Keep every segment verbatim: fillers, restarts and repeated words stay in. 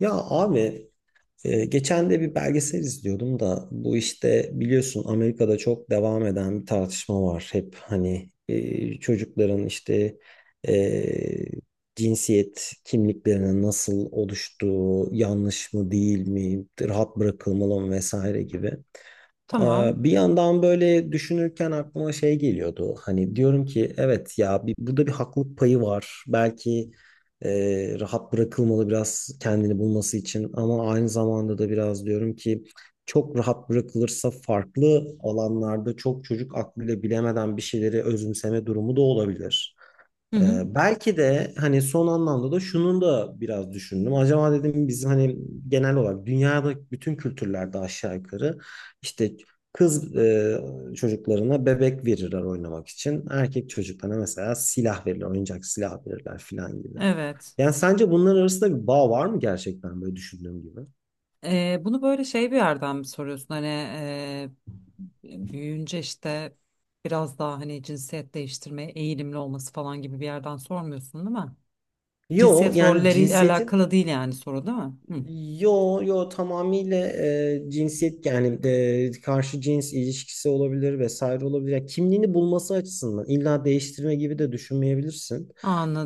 Ya abi e, geçen de bir belgesel izliyordum da bu işte biliyorsun Amerika'da çok devam eden bir tartışma var. Hep hani e, çocukların işte e, cinsiyet kimliklerinin nasıl oluştuğu, yanlış mı değil mi, rahat bırakılmalı mı vesaire gibi. Aa, Tamam. Bir yandan böyle düşünürken aklıma şey geliyordu. Hani diyorum ki evet ya bir, burada bir haklılık payı var. Belki e, rahat bırakılmalı biraz kendini bulması için ama aynı zamanda da biraz diyorum ki çok rahat bırakılırsa farklı alanlarda çok çocuk aklıyla bilemeden bir şeyleri özümseme durumu da olabilir. Hı hı. Ee, belki de hani son anlamda da şunun da biraz düşündüm. Acaba dedim bizim hani genel olarak dünyada bütün kültürlerde aşağı yukarı işte kız e, çocuklarına bebek verirler oynamak için. Erkek çocuklarına mesela silah verirler, oyuncak silah verirler filan gibi. Evet. Yani sence bunların arasında bir bağ var mı gerçekten böyle düşündüğüm gibi? Ee, bunu böyle şey bir yerden mi soruyorsun? Hani e, büyüyünce işte biraz daha hani cinsiyet değiştirmeye eğilimli olması falan gibi bir yerden sormuyorsun değil mi? Yo Cinsiyet yani rolleriyle cinsiyetin. alakalı değil yani, soru değil mi? Hı. Yo yo tamamıyla e, cinsiyet yani e, karşı cins ilişkisi olabilir vesaire olabilir. Ya kimliğini bulması açısından illa değiştirme gibi de düşünmeyebilirsin.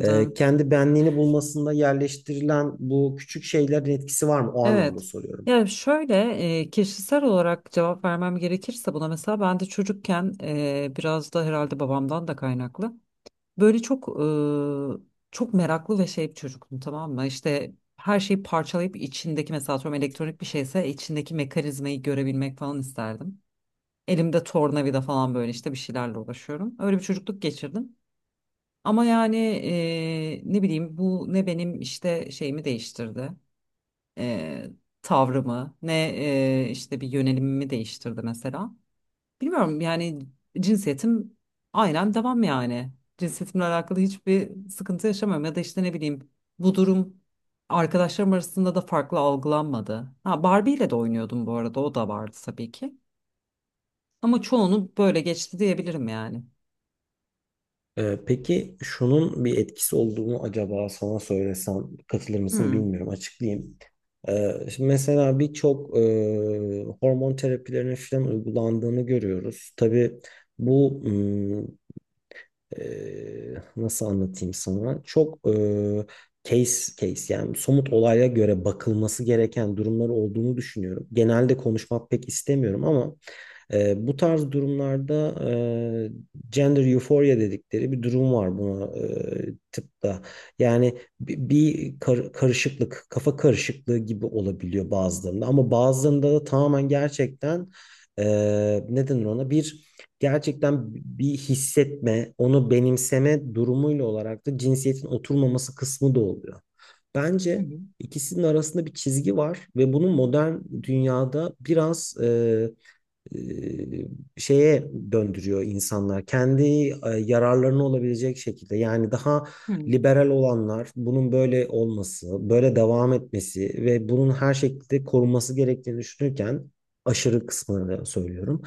E, kendi benliğini bulmasında yerleştirilen bu küçük şeylerin etkisi var mı? O anlamda Evet. soruyorum. Yani şöyle, e, kişisel olarak cevap vermem gerekirse buna, mesela ben de çocukken e, biraz da herhalde babamdan da kaynaklı. Böyle çok e, çok meraklı ve şey bir çocuktum, tamam mı? İşte her şeyi parçalayıp içindeki, mesela atıyorum, elektronik bir şeyse içindeki mekanizmayı görebilmek falan isterdim. Elimde tornavida falan, böyle işte bir şeylerle uğraşıyorum. Öyle bir çocukluk geçirdim. Ama yani e, ne bileyim, bu ne benim işte şeyimi değiştirdi. E, Tavrımı ne, e, işte bir yönelimimi değiştirdi mesela. Bilmiyorum yani, cinsiyetim aynen devam yani. Cinsiyetimle alakalı hiçbir sıkıntı yaşamıyorum ya da işte ne bileyim, bu durum arkadaşlarım arasında da farklı algılanmadı. Ha, Barbie ile de oynuyordum bu arada, o da vardı tabii ki. Ama çoğunu böyle geçti diyebilirim yani. Ee, peki şunun bir etkisi olduğunu acaba sana söylesem katılır mısın Hmm. bilmiyorum açıklayayım. Ee, şimdi mesela birçok e, hormon terapilerinin falan uygulandığını görüyoruz. Tabii bu m, e, nasıl anlatayım sana? Çok e, case case yani somut olaya göre bakılması gereken durumlar olduğunu düşünüyorum. Genelde konuşmak pek istemiyorum ama e, bu tarz durumlarda e, gender euphoria dedikleri bir durum var buna e, tıpta. Yani bi- bir kar- karışıklık, kafa karışıklığı gibi olabiliyor bazılarında ama bazılarında da tamamen gerçekten e, ne denir ona bir gerçekten bir hissetme, onu benimseme durumuyla olarak da cinsiyetin oturmaması kısmı da oluyor. Hı Bence hı. ikisinin arasında bir çizgi var ve bunu modern dünyada biraz e, e, şeye döndürüyor insanlar. Kendi e, yararlarına olabilecek şekilde. Yani daha Hı. liberal olanlar bunun böyle olması, böyle devam etmesi ve bunun her şekilde korunması gerektiğini düşünürken aşırı kısmını söylüyorum.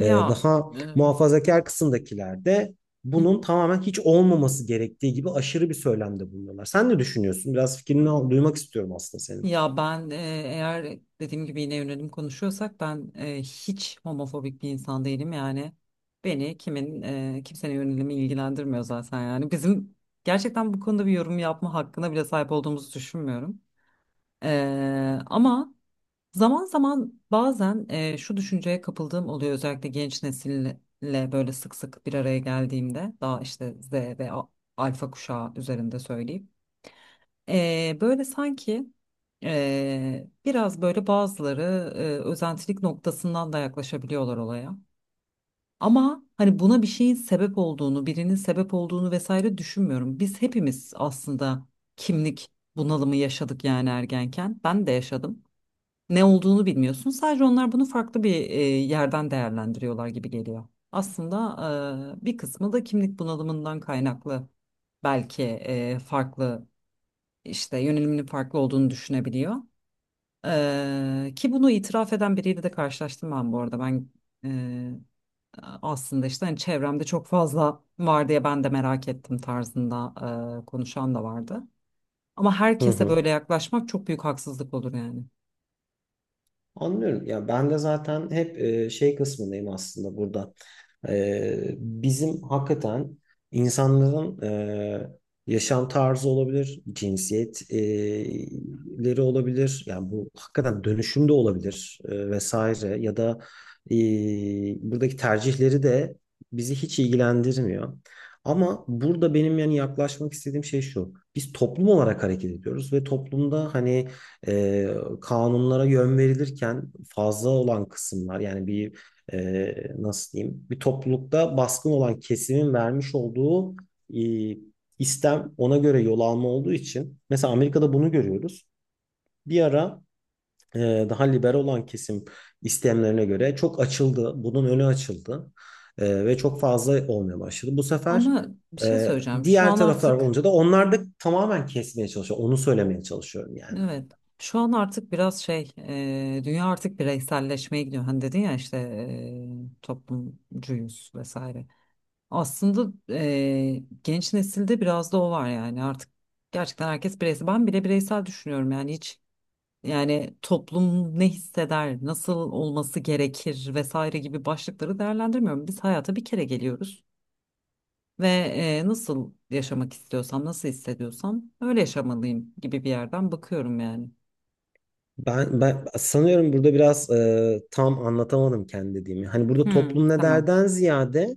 E, daha e, hı muhafazakar kısımdakiler de bunun hı. tamamen hiç olmaması gerektiği gibi aşırı bir söylemde bulunuyorlar. Sen ne düşünüyorsun? Biraz fikrini al- duymak istiyorum aslında senin. Ya ben, e, eğer dediğim gibi, yine yönelim konuşuyorsak, ben e, hiç homofobik bir insan değilim yani. Beni kimin e, kimsenin yönelimi ilgilendirmiyor zaten, yani bizim gerçekten bu konuda bir yorum yapma hakkına bile sahip olduğumuzu düşünmüyorum. E, ama zaman zaman, bazen e, şu düşünceye kapıldığım oluyor, özellikle genç nesille böyle sık sık bir araya geldiğimde. Daha işte Z ve A- Alfa kuşağı üzerinde söyleyeyim. Ee, böyle sanki, ee, biraz böyle bazıları, ee, özentilik noktasından da yaklaşabiliyorlar olaya. Ama hani buna bir şeyin sebep olduğunu, birinin sebep olduğunu vesaire düşünmüyorum. Biz hepimiz aslında kimlik bunalımı yaşadık yani, ergenken. Ben de yaşadım. Ne olduğunu bilmiyorsun. Sadece onlar bunu farklı bir ee, yerden değerlendiriyorlar gibi geliyor. Aslında ee, bir kısmı da kimlik bunalımından kaynaklı belki ee, farklı, işte yöneliminin farklı olduğunu düşünebiliyor. Ee, ki bunu itiraf eden biriyle de karşılaştım ben bu arada. Ben e, aslında işte, hani çevremde çok fazla var diye ben de merak ettim tarzında e, konuşan da vardı. Ama Hı herkese hı. böyle yaklaşmak çok büyük haksızlık olur yani. Anlıyorum. Ya ben de zaten hep e, şey kısmındayım aslında burada. Ee, bizim hakikaten insanların e, yaşam tarzı olabilir, cinsiyetleri olabilir. Yani bu hakikaten dönüşüm de olabilir e, vesaire ya da e, buradaki tercihleri de bizi hiç ilgilendirmiyor. Ama burada benim yani yaklaşmak istediğim şey şu. Biz toplum olarak hareket ediyoruz ve toplumda hani e, kanunlara yön verilirken fazla olan kısımlar yani bir e, nasıl diyeyim bir toplulukta baskın olan kesimin vermiş olduğu e, istem ona göre yol alma olduğu için mesela Amerika'da bunu görüyoruz. Bir ara e, daha liberal olan kesim istemlerine göre çok açıldı. Bunun önü açıldı. E, ve çok fazla olmaya başladı. Bu sefer Ama bir şey e, söyleyeceğim. Şu diğer an taraflar artık, olunca da onlar da tamamen kesmeye çalışıyor. Onu söylemeye çalışıyorum yani. evet, şu an artık biraz şey, e, dünya artık bireyselleşmeye gidiyor. Hani dedin ya, işte e, toplumcuyuz vesaire. Aslında eee, genç nesilde biraz da o var yani, artık gerçekten herkes bireysel. Ben bile bireysel düşünüyorum yani, hiç, yani toplum ne hisseder, nasıl olması gerekir vesaire gibi başlıkları değerlendirmiyorum. Biz hayata bir kere geliyoruz ve eee, nasıl yaşamak istiyorsam, nasıl hissediyorsam öyle yaşamalıyım gibi bir yerden bakıyorum yani. Ben, ben sanıyorum burada biraz e, tam anlatamadım kendi dediğimi. Hani burada Hmm, toplum ne tamam. derden ziyade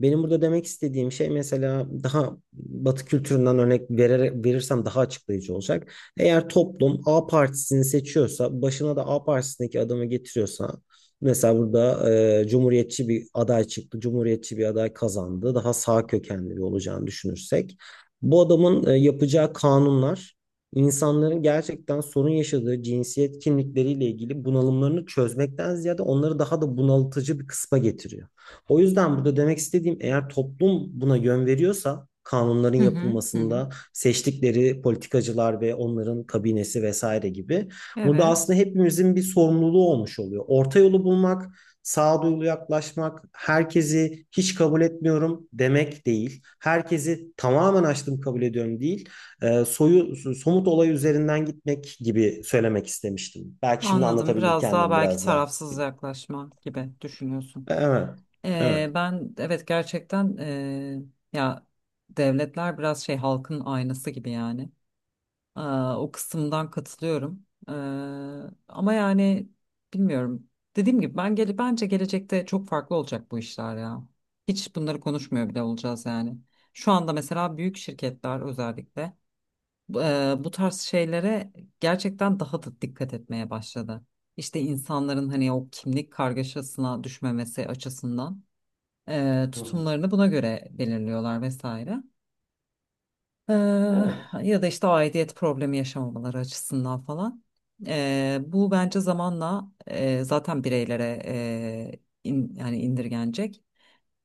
benim burada demek istediğim şey mesela daha Batı kültüründen örnek vererek, verirsem daha açıklayıcı olacak. Eğer toplum A partisini seçiyorsa başına da A partisindeki adamı getiriyorsa mesela burada e, Cumhuriyetçi bir aday çıktı. Cumhuriyetçi bir aday kazandı. Daha sağ kökenli bir olacağını düşünürsek bu adamın e, yapacağı kanunlar İnsanların gerçekten sorun yaşadığı cinsiyet kimlikleriyle ilgili bunalımlarını çözmekten ziyade onları daha da bunaltıcı bir kısma getiriyor. O yüzden burada demek istediğim eğer toplum buna yön veriyorsa kanunların Hı hı, hı hı. yapılmasında seçtikleri politikacılar ve onların kabinesi vesaire gibi burada Evet, aslında hepimizin bir sorumluluğu olmuş oluyor. Orta yolu bulmak, sağduyulu yaklaşmak, herkesi hiç kabul etmiyorum demek değil. Herkesi tamamen açtım kabul ediyorum değil, e, soyu so-, somut olay üzerinden gitmek gibi söylemek istemiştim. Belki şimdi anladım. anlatabildim Biraz daha kendim belki biraz daha. tarafsız yaklaşma gibi düşünüyorsun. Evet. Evet. Ee, ben, evet, gerçekten, ee, ya devletler biraz şey, halkın aynası gibi yani. Aa, o kısımdan katılıyorum. Ee, ama yani bilmiyorum. Dediğim gibi, ben gele bence gelecekte çok farklı olacak bu işler ya. Hiç bunları konuşmuyor bile olacağız yani. Şu anda mesela büyük şirketler özellikle bu ee, bu tarz şeylere gerçekten daha da dikkat etmeye başladı. İşte insanların hani o kimlik kargaşasına düşmemesi açısından e, Hı hı. tutumlarını buna göre belirliyorlar vesaire. E, Evet. Ya da işte aidiyet problemi yaşamamaları açısından falan. E, bu bence zamanla, e, zaten bireylere, e, in- yani indirgenecek.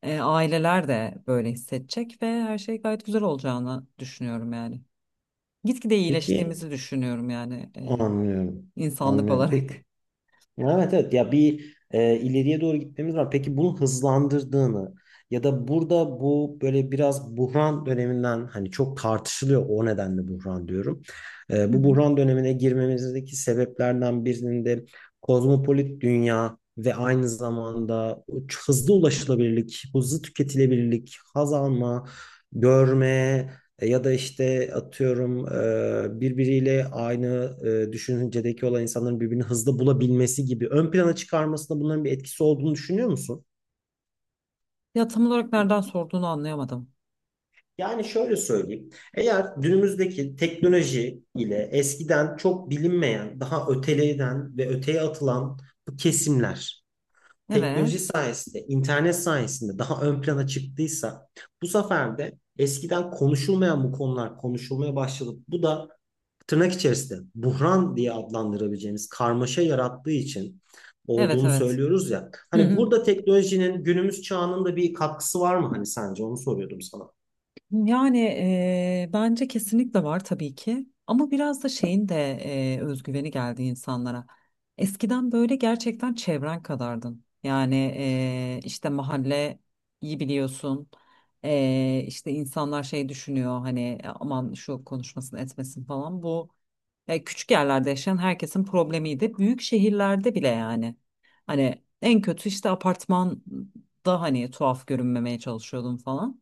E, aileler de böyle hissedecek ve her şey gayet güzel olacağını düşünüyorum yani. Gitgide Peki, iyileştiğimizi düşünüyorum yani, anlıyorum. e, insanlık Anlıyorum. Peki. olarak. Ya evet evet ya bir e, ileriye doğru gitmemiz var. Peki bunu hızlandırdığını ya da burada bu böyle biraz buhran döneminden hani çok tartışılıyor o nedenle buhran diyorum. E, Hı Bu hı. buhran dönemine girmemizdeki sebeplerden birinin de kozmopolit dünya ve aynı zamanda hızlı ulaşılabilirlik, hızlı tüketilebilirlik, haz alma, görme, e, ya da işte atıyorum e, birbiriyle aynı e, düşüncedeki olan insanların birbirini hızlı bulabilmesi gibi ön plana çıkarmasında bunların bir etkisi olduğunu düşünüyor musun? Ya tam olarak nereden sorduğunu anlayamadım. Yani şöyle söyleyeyim. Eğer günümüzdeki teknoloji ile eskiden çok bilinmeyen, daha öteleyden ve öteye atılan bu kesimler teknoloji Evet. sayesinde, internet sayesinde daha ön plana çıktıysa bu sefer de eskiden konuşulmayan bu konular konuşulmaya başladı. Bu da tırnak içerisinde buhran diye adlandırabileceğimiz karmaşa yarattığı için Evet, olduğunu evet. söylüyoruz ya. Hı Hani hı. burada teknolojinin günümüz çağının da bir katkısı var mı hani sence? Onu soruyordum sana. Yani eee, bence kesinlikle var tabii ki, ama biraz da şeyin de, eee, özgüveni geldi insanlara. Eskiden böyle gerçekten çevren kadardın. Yani eee, işte mahalle, iyi biliyorsun. Eee işte insanlar şey düşünüyor, hani "E, aman şu konuşmasın etmesin falan. Bu e, küçük yerlerde yaşayan herkesin problemiydi. Büyük şehirlerde bile yani. Hani en kötü işte apartmanda hani tuhaf görünmemeye çalışıyordum falan.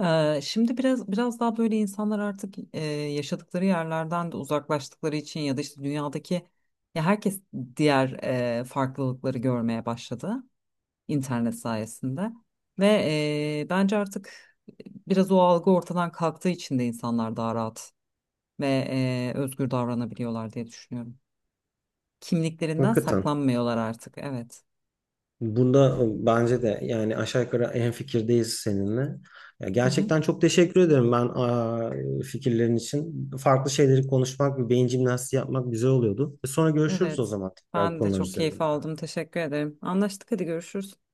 Ee, şimdi biraz biraz daha böyle, insanlar artık e, yaşadıkları yerlerden de uzaklaştıkları için ya da işte dünyadaki, ya herkes diğer e, farklılıkları görmeye başladı internet sayesinde ve e, bence artık biraz o algı ortadan kalktığı için de insanlar daha rahat ve e, özgür davranabiliyorlar diye düşünüyorum. Kimliklerinden Hakikaten. saklanmıyorlar artık. Evet. Bunda ıı, bence de yani aşağı yukarı en fikirdeyiz seninle. Ya Hı hı. gerçekten çok teşekkür ederim ben aa, fikirlerin için. Farklı şeyleri konuşmak, bir beyin jimnastiği yapmak güzel oluyordu. Sonra görüşürüz o Evet. zaman tekrar bu Ben de konular çok keyif üzerinde. aldım. Teşekkür ederim. Anlaştık. Hadi, görüşürüz.